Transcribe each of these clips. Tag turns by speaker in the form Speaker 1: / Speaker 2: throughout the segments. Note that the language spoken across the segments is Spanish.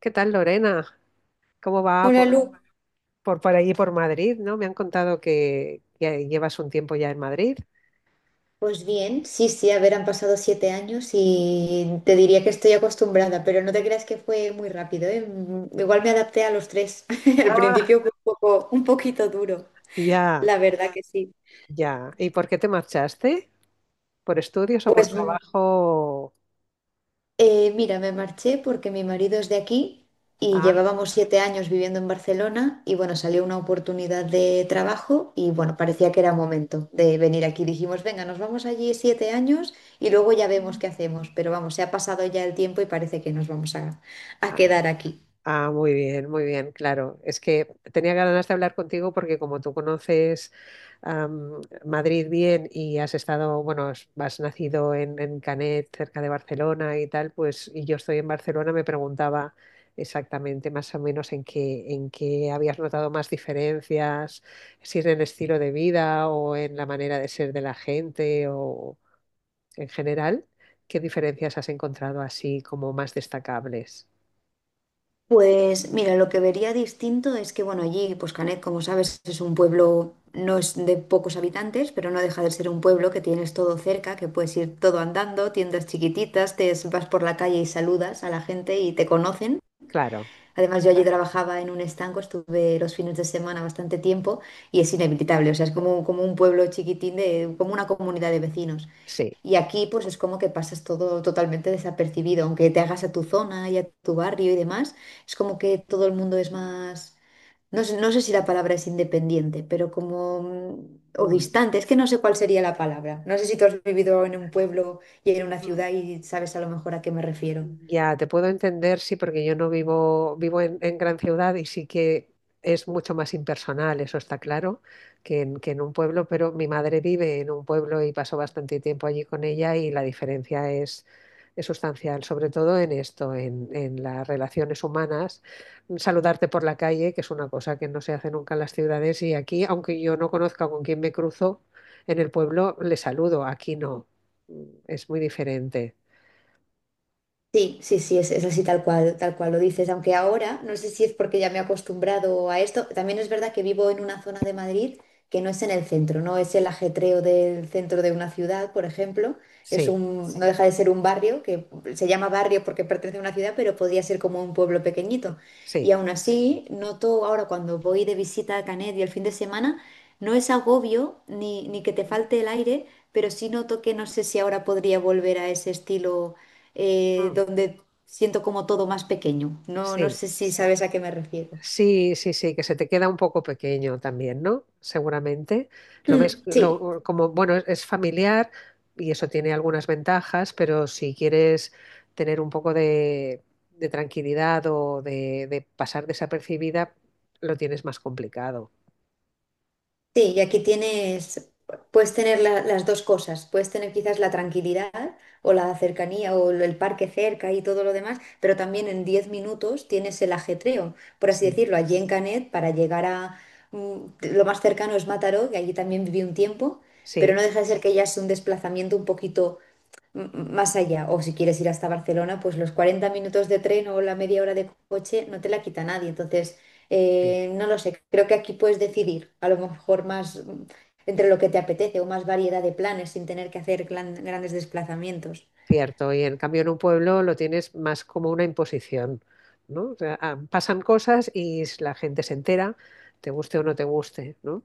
Speaker 1: ¿Qué tal, Lorena? ¿Cómo va
Speaker 2: Hola
Speaker 1: por,
Speaker 2: Lu.
Speaker 1: por, por ahí, por Madrid? ¿No? Me han contado que llevas un tiempo ya en Madrid.
Speaker 2: Pues bien, sí, sí, a ver, han pasado 7 años y te diría que estoy acostumbrada, pero no te creas que fue muy rápido, ¿eh? Igual me adapté a los tres. Al
Speaker 1: Ah,
Speaker 2: principio fue un poquito duro,
Speaker 1: ya,
Speaker 2: la verdad que sí.
Speaker 1: ya. ¿Y por qué te marchaste? ¿Por estudios o por
Speaker 2: Pues
Speaker 1: trabajo?
Speaker 2: Mira, me marché porque mi marido es de aquí y
Speaker 1: Ah,
Speaker 2: llevábamos 7 años viviendo en Barcelona. Y bueno, salió una oportunidad de trabajo y bueno, parecía que era momento de venir aquí. Dijimos, venga, nos vamos allí 7 años y luego ya vemos qué hacemos, pero vamos, se ha pasado ya el tiempo y parece que nos vamos a
Speaker 1: ah,
Speaker 2: quedar aquí.
Speaker 1: ah, muy bien, claro. Es que tenía ganas de hablar contigo porque como tú conoces Madrid bien y has estado, bueno, has nacido en Canet, cerca de Barcelona y tal, pues y yo estoy en Barcelona, me preguntaba exactamente más o menos en en qué habías notado más diferencias, si en el estilo de vida o en la manera de ser de la gente o en general, ¿qué diferencias has encontrado así como más destacables?
Speaker 2: Pues mira, lo que vería distinto es que, bueno, allí, pues Canet, como sabes, es un pueblo, no es de pocos habitantes, pero no deja de ser un pueblo que tienes todo cerca, que puedes ir todo andando, tiendas chiquititas, vas por la calle y saludas a la gente y te conocen.
Speaker 1: Claro,
Speaker 2: Además, yo allí trabajaba en un estanco, estuve los fines de semana bastante tiempo, y es inevitable, o sea, es como un pueblo chiquitín de, como una comunidad de vecinos.
Speaker 1: sí.
Speaker 2: Y aquí pues es como que pasas todo totalmente desapercibido, aunque te hagas a tu zona y a tu barrio y demás, es como que todo el mundo es más, no sé, no sé si la palabra es independiente, pero como, o
Speaker 1: Mm,
Speaker 2: distante, es que no sé cuál sería la palabra. No sé si tú has vivido en un pueblo y en una
Speaker 1: mm.
Speaker 2: ciudad y sabes a lo mejor a qué me refiero.
Speaker 1: Ya, te puedo entender, sí, porque yo no vivo, vivo en gran ciudad y sí que es mucho más impersonal, eso está claro, que en un pueblo, pero mi madre vive en un pueblo y pasó bastante tiempo allí con ella y la es sustancial, sobre todo en esto, en las relaciones humanas. Saludarte por la calle, que es una cosa que no se hace nunca en las ciudades y aquí, aunque yo no conozca con quién me cruzo, en el pueblo le saludo, aquí no. Mm, es muy diferente.
Speaker 2: Sí, sí, sí, es así tal cual lo dices, aunque ahora no sé si es porque ya me he acostumbrado a esto. También es verdad que vivo en una zona de Madrid que no es en el centro, no es el ajetreo del centro de una ciudad, por ejemplo, es
Speaker 1: Sí,
Speaker 2: un, no deja de ser un barrio que se llama barrio porque pertenece a una ciudad, pero podría ser como un pueblo pequeñito. Y
Speaker 1: sí.
Speaker 2: aún así, noto ahora cuando voy de visita a Canet y el fin de semana, no es agobio ni, ni que te falte el aire, pero sí noto que no sé si ahora podría volver a ese estilo
Speaker 1: Mm.
Speaker 2: donde siento como todo más pequeño. No, no
Speaker 1: Sí,
Speaker 2: sé si sabes a qué me refiero.
Speaker 1: sí, sí, sí, que se te queda un poco pequeño también, ¿no? Seguramente. Lo ves
Speaker 2: Mm, sí,
Speaker 1: como, bueno, es familiar y eso tiene algunas ventajas, pero si quieres tener un poco de tranquilidad de pasar desapercibida, lo tienes más complicado.
Speaker 2: sí, y aquí tienes, puedes tener las dos cosas. Puedes tener quizás la tranquilidad o la cercanía o el parque cerca y todo lo demás, pero también en 10 minutos tienes el ajetreo, por así
Speaker 1: Sí,
Speaker 2: decirlo. Allí en Canet, para llegar a mm, lo más cercano es Mataró, que allí también viví un tiempo. Pero
Speaker 1: sí,
Speaker 2: no deja de ser que ya es un desplazamiento un poquito más allá. O si quieres ir hasta Barcelona, pues los 40 minutos de tren o la media hora de coche no te la quita nadie. Entonces,
Speaker 1: sí,
Speaker 2: no lo sé, creo que aquí puedes decidir a lo mejor más, entre lo que te apetece o más variedad de planes sin tener que hacer grandes desplazamientos.
Speaker 1: cierto. Y en cambio en un pueblo lo tienes más como una imposición, ¿no? O sea, ah, pasan cosas y la gente se entera, te guste o no te guste, ¿no?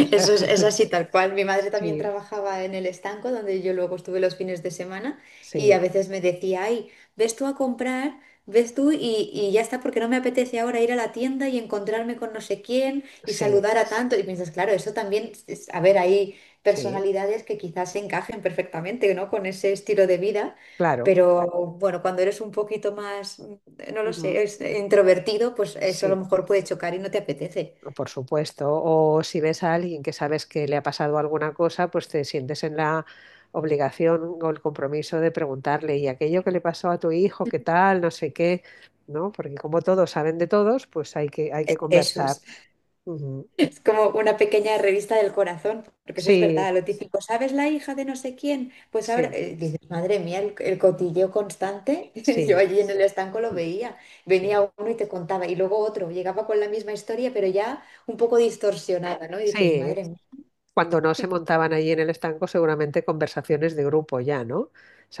Speaker 1: O sea,
Speaker 2: Eso es así tal cual. Mi madre también
Speaker 1: sí,
Speaker 2: trabajaba en el estanco donde yo luego estuve los fines de semana, y a
Speaker 1: sí,
Speaker 2: veces me decía, ay, ves tú a comprar, ves tú, y ya está porque no me apetece ahora ir a la tienda y encontrarme con no sé quién y
Speaker 1: sí,
Speaker 2: saludar a tanto. Y piensas, claro, eso también, a ver, hay
Speaker 1: sí,
Speaker 2: personalidades que quizás se encajen perfectamente, ¿no? Con ese estilo de vida.
Speaker 1: claro.
Speaker 2: Pero bueno, cuando eres un poquito más, no lo sé,
Speaker 1: Ujú.
Speaker 2: es introvertido, pues eso a lo
Speaker 1: Sí,
Speaker 2: mejor puede chocar y no te apetece.
Speaker 1: por supuesto. O si ves a alguien que sabes que le ha pasado alguna cosa, pues te sientes en la obligación o el compromiso de preguntarle, ¿y aquello que le pasó a tu hijo, qué tal, no sé qué? ¿No? Porque como todos saben de todos, pues hay que
Speaker 2: Eso
Speaker 1: conversar.
Speaker 2: es.
Speaker 1: Ujú.
Speaker 2: Es como una pequeña revista del corazón, porque eso es
Speaker 1: Sí,
Speaker 2: verdad, lo típico, ¿sabes la hija de no sé quién? Pues ahora,
Speaker 1: sí,
Speaker 2: dices, madre mía, el cotilleo constante. Yo
Speaker 1: sí,
Speaker 2: allí en el estanco lo veía, venía
Speaker 1: sí,
Speaker 2: uno y te contaba, y luego otro, llegaba con la misma historia, pero ya un poco distorsionada, ¿no? Y dices,
Speaker 1: sí,
Speaker 2: madre mía.
Speaker 1: cuando no se montaban allí en el estanco, seguramente conversaciones de grupo ya, ¿no?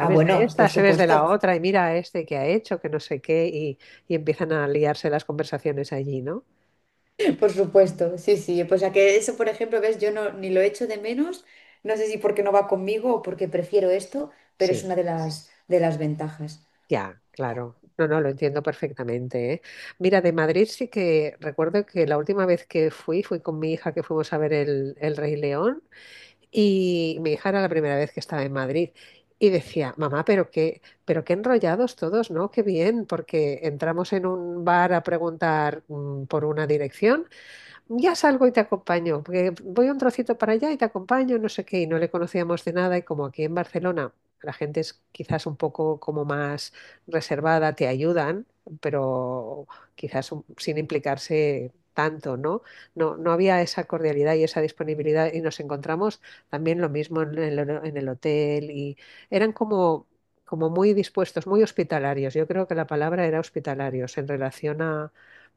Speaker 2: Ah,
Speaker 1: de
Speaker 2: bueno,
Speaker 1: esta?
Speaker 2: por
Speaker 1: ¿Sabes de la
Speaker 2: supuesto.
Speaker 1: otra? Y mira a este que ha hecho, que no sé qué, y empiezan a liarse las conversaciones allí, ¿no?
Speaker 2: Por supuesto, sí,
Speaker 1: Sí.
Speaker 2: sí, pues a que eso, por ejemplo, ves, yo no, ni lo echo de menos, no sé si porque no va conmigo o porque prefiero esto, pero es
Speaker 1: Sí,
Speaker 2: una de las ventajas.
Speaker 1: ya, claro. No, no, lo entiendo perfectamente, ¿eh? Mira, de Madrid sí que recuerdo que la última vez que fui con mi hija que fuimos a ver el Rey León. Y mi hija era la primera vez que estaba en Madrid y decía, mamá, pero qué enrollados todos, ¿no? Qué bien, porque entramos en un bar a preguntar por una dirección. Ya salgo y te acompaño, porque voy un trocito para allá y te acompaño, no sé qué, y no le conocíamos de nada, y como aquí en Barcelona la gente es quizás un poco como más reservada, te ayudan, pero quizás sin implicarse tanto, ¿no? No, no había esa cordialidad y esa disponibilidad, y nos encontramos también lo mismo en en el hotel, y eran como... como muy dispuestos, muy hospitalarios. Yo creo que la palabra era hospitalarios en relación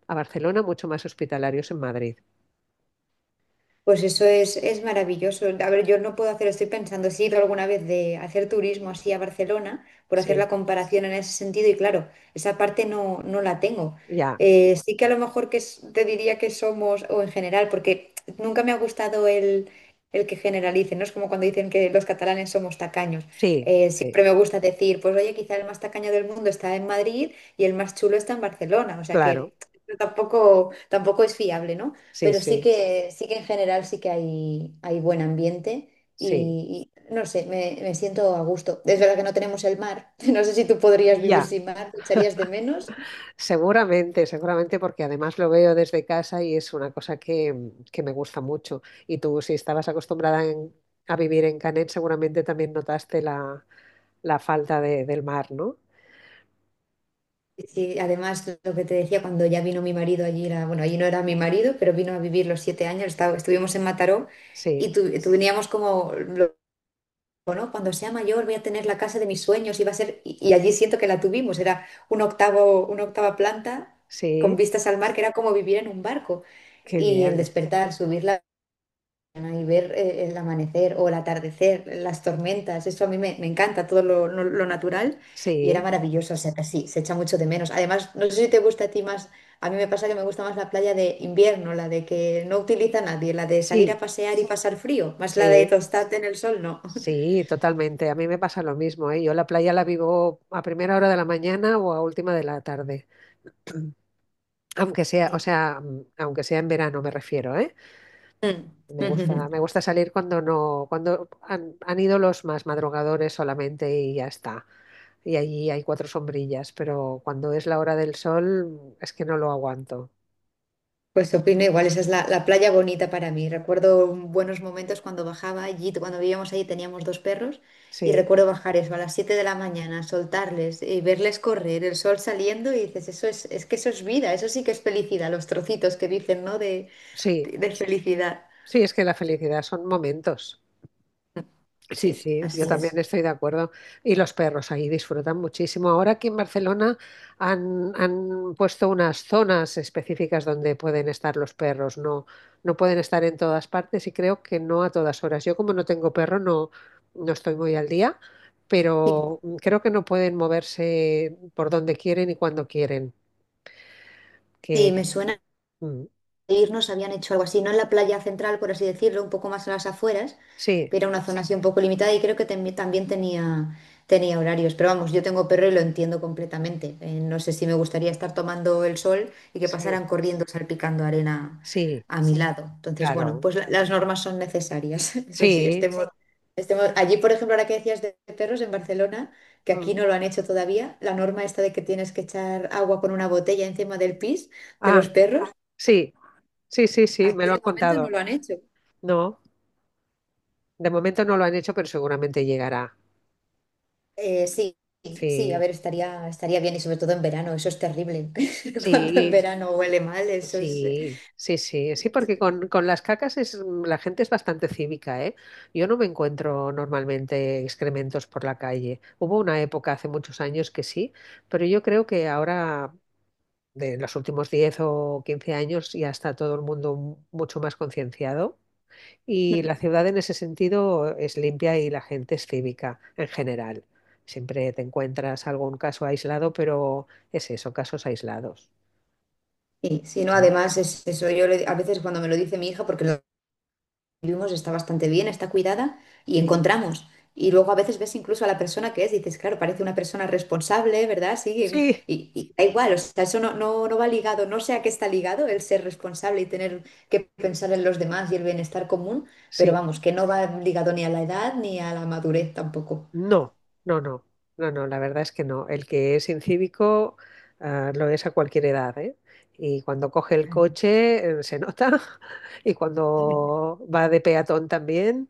Speaker 1: a Barcelona, mucho más hospitalarios en Madrid.
Speaker 2: Pues eso es maravilloso. A ver, yo no puedo hacer, estoy pensando, si he ido alguna vez de hacer turismo así a Barcelona, por hacer
Speaker 1: Sí,
Speaker 2: la comparación en ese sentido, y claro, esa parte no, no la tengo.
Speaker 1: ya,
Speaker 2: Sí que a lo mejor te diría que somos, o en general, porque nunca me ha gustado el que generalicen, ¿no? Es como cuando dicen que los catalanes somos tacaños.
Speaker 1: sí, sí,
Speaker 2: Siempre me gusta decir, pues oye, quizá el más tacaño del mundo está en Madrid y el más chulo está en Barcelona, o sea
Speaker 1: claro,
Speaker 2: que tampoco, tampoco es fiable, ¿no?
Speaker 1: sí,
Speaker 2: Pero sí
Speaker 1: sí,
Speaker 2: que, sí que en general sí que hay buen ambiente
Speaker 1: sí,
Speaker 2: y no sé, me siento a gusto. Es verdad que no tenemos el mar. No sé si tú podrías vivir
Speaker 1: ya,
Speaker 2: sin mar, ¿te echarías de menos?
Speaker 1: seguramente, seguramente, porque además lo veo desde casa y es una cosa que me gusta mucho. Y tú, si estabas acostumbrada a vivir en Canet, seguramente también notaste la falta del mar, ¿no?
Speaker 2: Y sí, además, lo que te decía, cuando ya vino mi marido allí, era, bueno, allí no era mi marido, pero vino a vivir los 7 años, estuvimos en Mataró
Speaker 1: Sí,
Speaker 2: y teníamos como ¿no? Cuando sea mayor voy a tener la casa de mis sueños y va a ser, y allí siento que la tuvimos, era una octava planta con
Speaker 1: sí,
Speaker 2: vistas al mar, que era como vivir en un barco.
Speaker 1: qué
Speaker 2: Y el
Speaker 1: bien,
Speaker 2: despertar, subir la ventana y ver, el amanecer o el atardecer, las tormentas, eso a mí me encanta, todo lo natural, y era
Speaker 1: sí,
Speaker 2: maravilloso, o sea que sí, se echa mucho de menos. Además, no sé si te gusta a ti más, a mí me pasa que me gusta más la playa de invierno, la de que no utiliza nadie, la de salir a
Speaker 1: sí,
Speaker 2: pasear y pasar frío, más la de
Speaker 1: sí.
Speaker 2: tostarte en el sol, no.
Speaker 1: Sí, totalmente. A mí me pasa lo mismo, ¿eh? Yo la playa la vivo a primera hora de la mañana o a última de la tarde. Aunque sea, o sea, aunque sea en verano me refiero, ¿eh?
Speaker 2: Mm.
Speaker 1: Me
Speaker 2: Ujujujú.
Speaker 1: gusta salir cuando no, cuando han ido los más madrugadores solamente y ya está. Y allí hay cuatro sombrillas, pero cuando es la hora del sol es que no lo aguanto.
Speaker 2: Pues opino igual, esa es la playa bonita para mí. Recuerdo buenos momentos cuando bajaba allí, cuando vivíamos allí teníamos dos perros, y
Speaker 1: Sí,
Speaker 2: recuerdo bajar eso a las 7 de la mañana, soltarles y verles correr, el sol saliendo, y dices, eso es que eso es vida, eso sí que es felicidad, los trocitos que dicen, ¿no? De,
Speaker 1: sí,
Speaker 2: de de felicidad.
Speaker 1: sí, es que la felicidad son momentos. Sí,
Speaker 2: Sí,
Speaker 1: sí, yo
Speaker 2: así
Speaker 1: también
Speaker 2: es.
Speaker 1: estoy de acuerdo. Y los perros ahí disfrutan muchísimo. Ahora aquí en Barcelona han puesto unas zonas específicas donde pueden estar los perros. No, no pueden estar en todas partes y creo que no a todas horas. Yo como no tengo perro no, no estoy muy al día,
Speaker 2: Sí,
Speaker 1: pero creo que no pueden moverse por donde quieren y cuando quieren. Que
Speaker 2: sí, me suena.
Speaker 1: mm,
Speaker 2: Irnos habían hecho algo así, no en la playa central, por así decirlo, un poco más a las afueras,
Speaker 1: sí,
Speaker 2: pero una zona así un poco limitada, y creo que también tenía horarios. Pero vamos, yo tengo perro y lo entiendo completamente. No sé si me gustaría estar tomando el sol y que pasaran
Speaker 1: sí,
Speaker 2: corriendo salpicando arena
Speaker 1: sí,
Speaker 2: a mi, sí, lado. Entonces, bueno,
Speaker 1: claro.
Speaker 2: pues las normas son necesarias. Eso sí,
Speaker 1: Sí.
Speaker 2: estemos, sí. Estemos. Allí, por ejemplo, ahora que decías de perros en Barcelona, que aquí
Speaker 1: Mm.
Speaker 2: no lo han hecho todavía, la norma esta de que tienes que echar agua con una botella encima del pis de los
Speaker 1: Ah,
Speaker 2: perros.
Speaker 1: sí, sí, sí, sí, me
Speaker 2: Aquí
Speaker 1: lo han
Speaker 2: de momento no
Speaker 1: contado.
Speaker 2: lo han hecho.
Speaker 1: No, de momento no lo han hecho, pero seguramente llegará.
Speaker 2: Sí, sí, a
Speaker 1: Sí,
Speaker 2: ver, estaría bien, y sobre todo en verano, eso es terrible. Cuando en
Speaker 1: sí,
Speaker 2: verano huele mal, eso es.
Speaker 1: sí, sí, sí, sí, porque con las cacas es, la gente es bastante cívica, ¿eh? Yo no me encuentro normalmente excrementos por la calle. Hubo una época hace muchos años que sí, pero yo creo que ahora, de los últimos 10 o 15 años, ya está todo el mundo mucho más concienciado. Y la ciudad en ese sentido es limpia y la gente es cívica en general. Siempre te encuentras algún caso aislado, pero es eso, casos aislados.
Speaker 2: Y si no,
Speaker 1: ¿No?
Speaker 2: además, es eso, yo a veces cuando me lo dice mi hija, porque lo vivimos, está bastante bien, está cuidada y
Speaker 1: Sí,
Speaker 2: encontramos. Y luego a veces ves incluso a la persona que es, dices, claro, parece una persona responsable, ¿verdad? Sí,
Speaker 1: sí,
Speaker 2: y da igual, o sea, eso no, no, no va ligado, no sé a qué está ligado el ser responsable y tener que pensar en los demás y el bienestar común, pero
Speaker 1: sí.
Speaker 2: vamos, que no va ligado ni a la edad ni a la madurez tampoco.
Speaker 1: No, no, no, no, la verdad es que no. El que es incívico, lo es a cualquier edad, ¿eh? Y cuando coge el coche, se nota. Y cuando va de peatón también,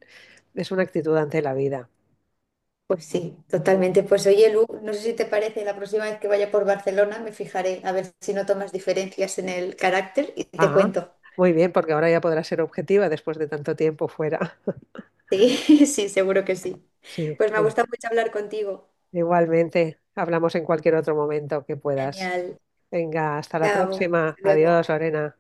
Speaker 1: es una actitud ante la vida.
Speaker 2: Pues sí, totalmente. Pues oye, Lu, no sé si te parece, la próxima vez que vaya por Barcelona me fijaré a ver si no tomas diferencias en el carácter y te
Speaker 1: Ah,
Speaker 2: cuento.
Speaker 1: muy bien, porque ahora ya podrá ser objetiva después de tanto tiempo fuera.
Speaker 2: Sí, sí, seguro que sí.
Speaker 1: Sí,
Speaker 2: Pues me ha gustado mucho hablar contigo.
Speaker 1: igualmente, hablamos en cualquier otro momento que puedas.
Speaker 2: Genial.
Speaker 1: Venga, hasta la
Speaker 2: Chao. Hasta
Speaker 1: próxima. Adiós,
Speaker 2: luego.
Speaker 1: Lorena.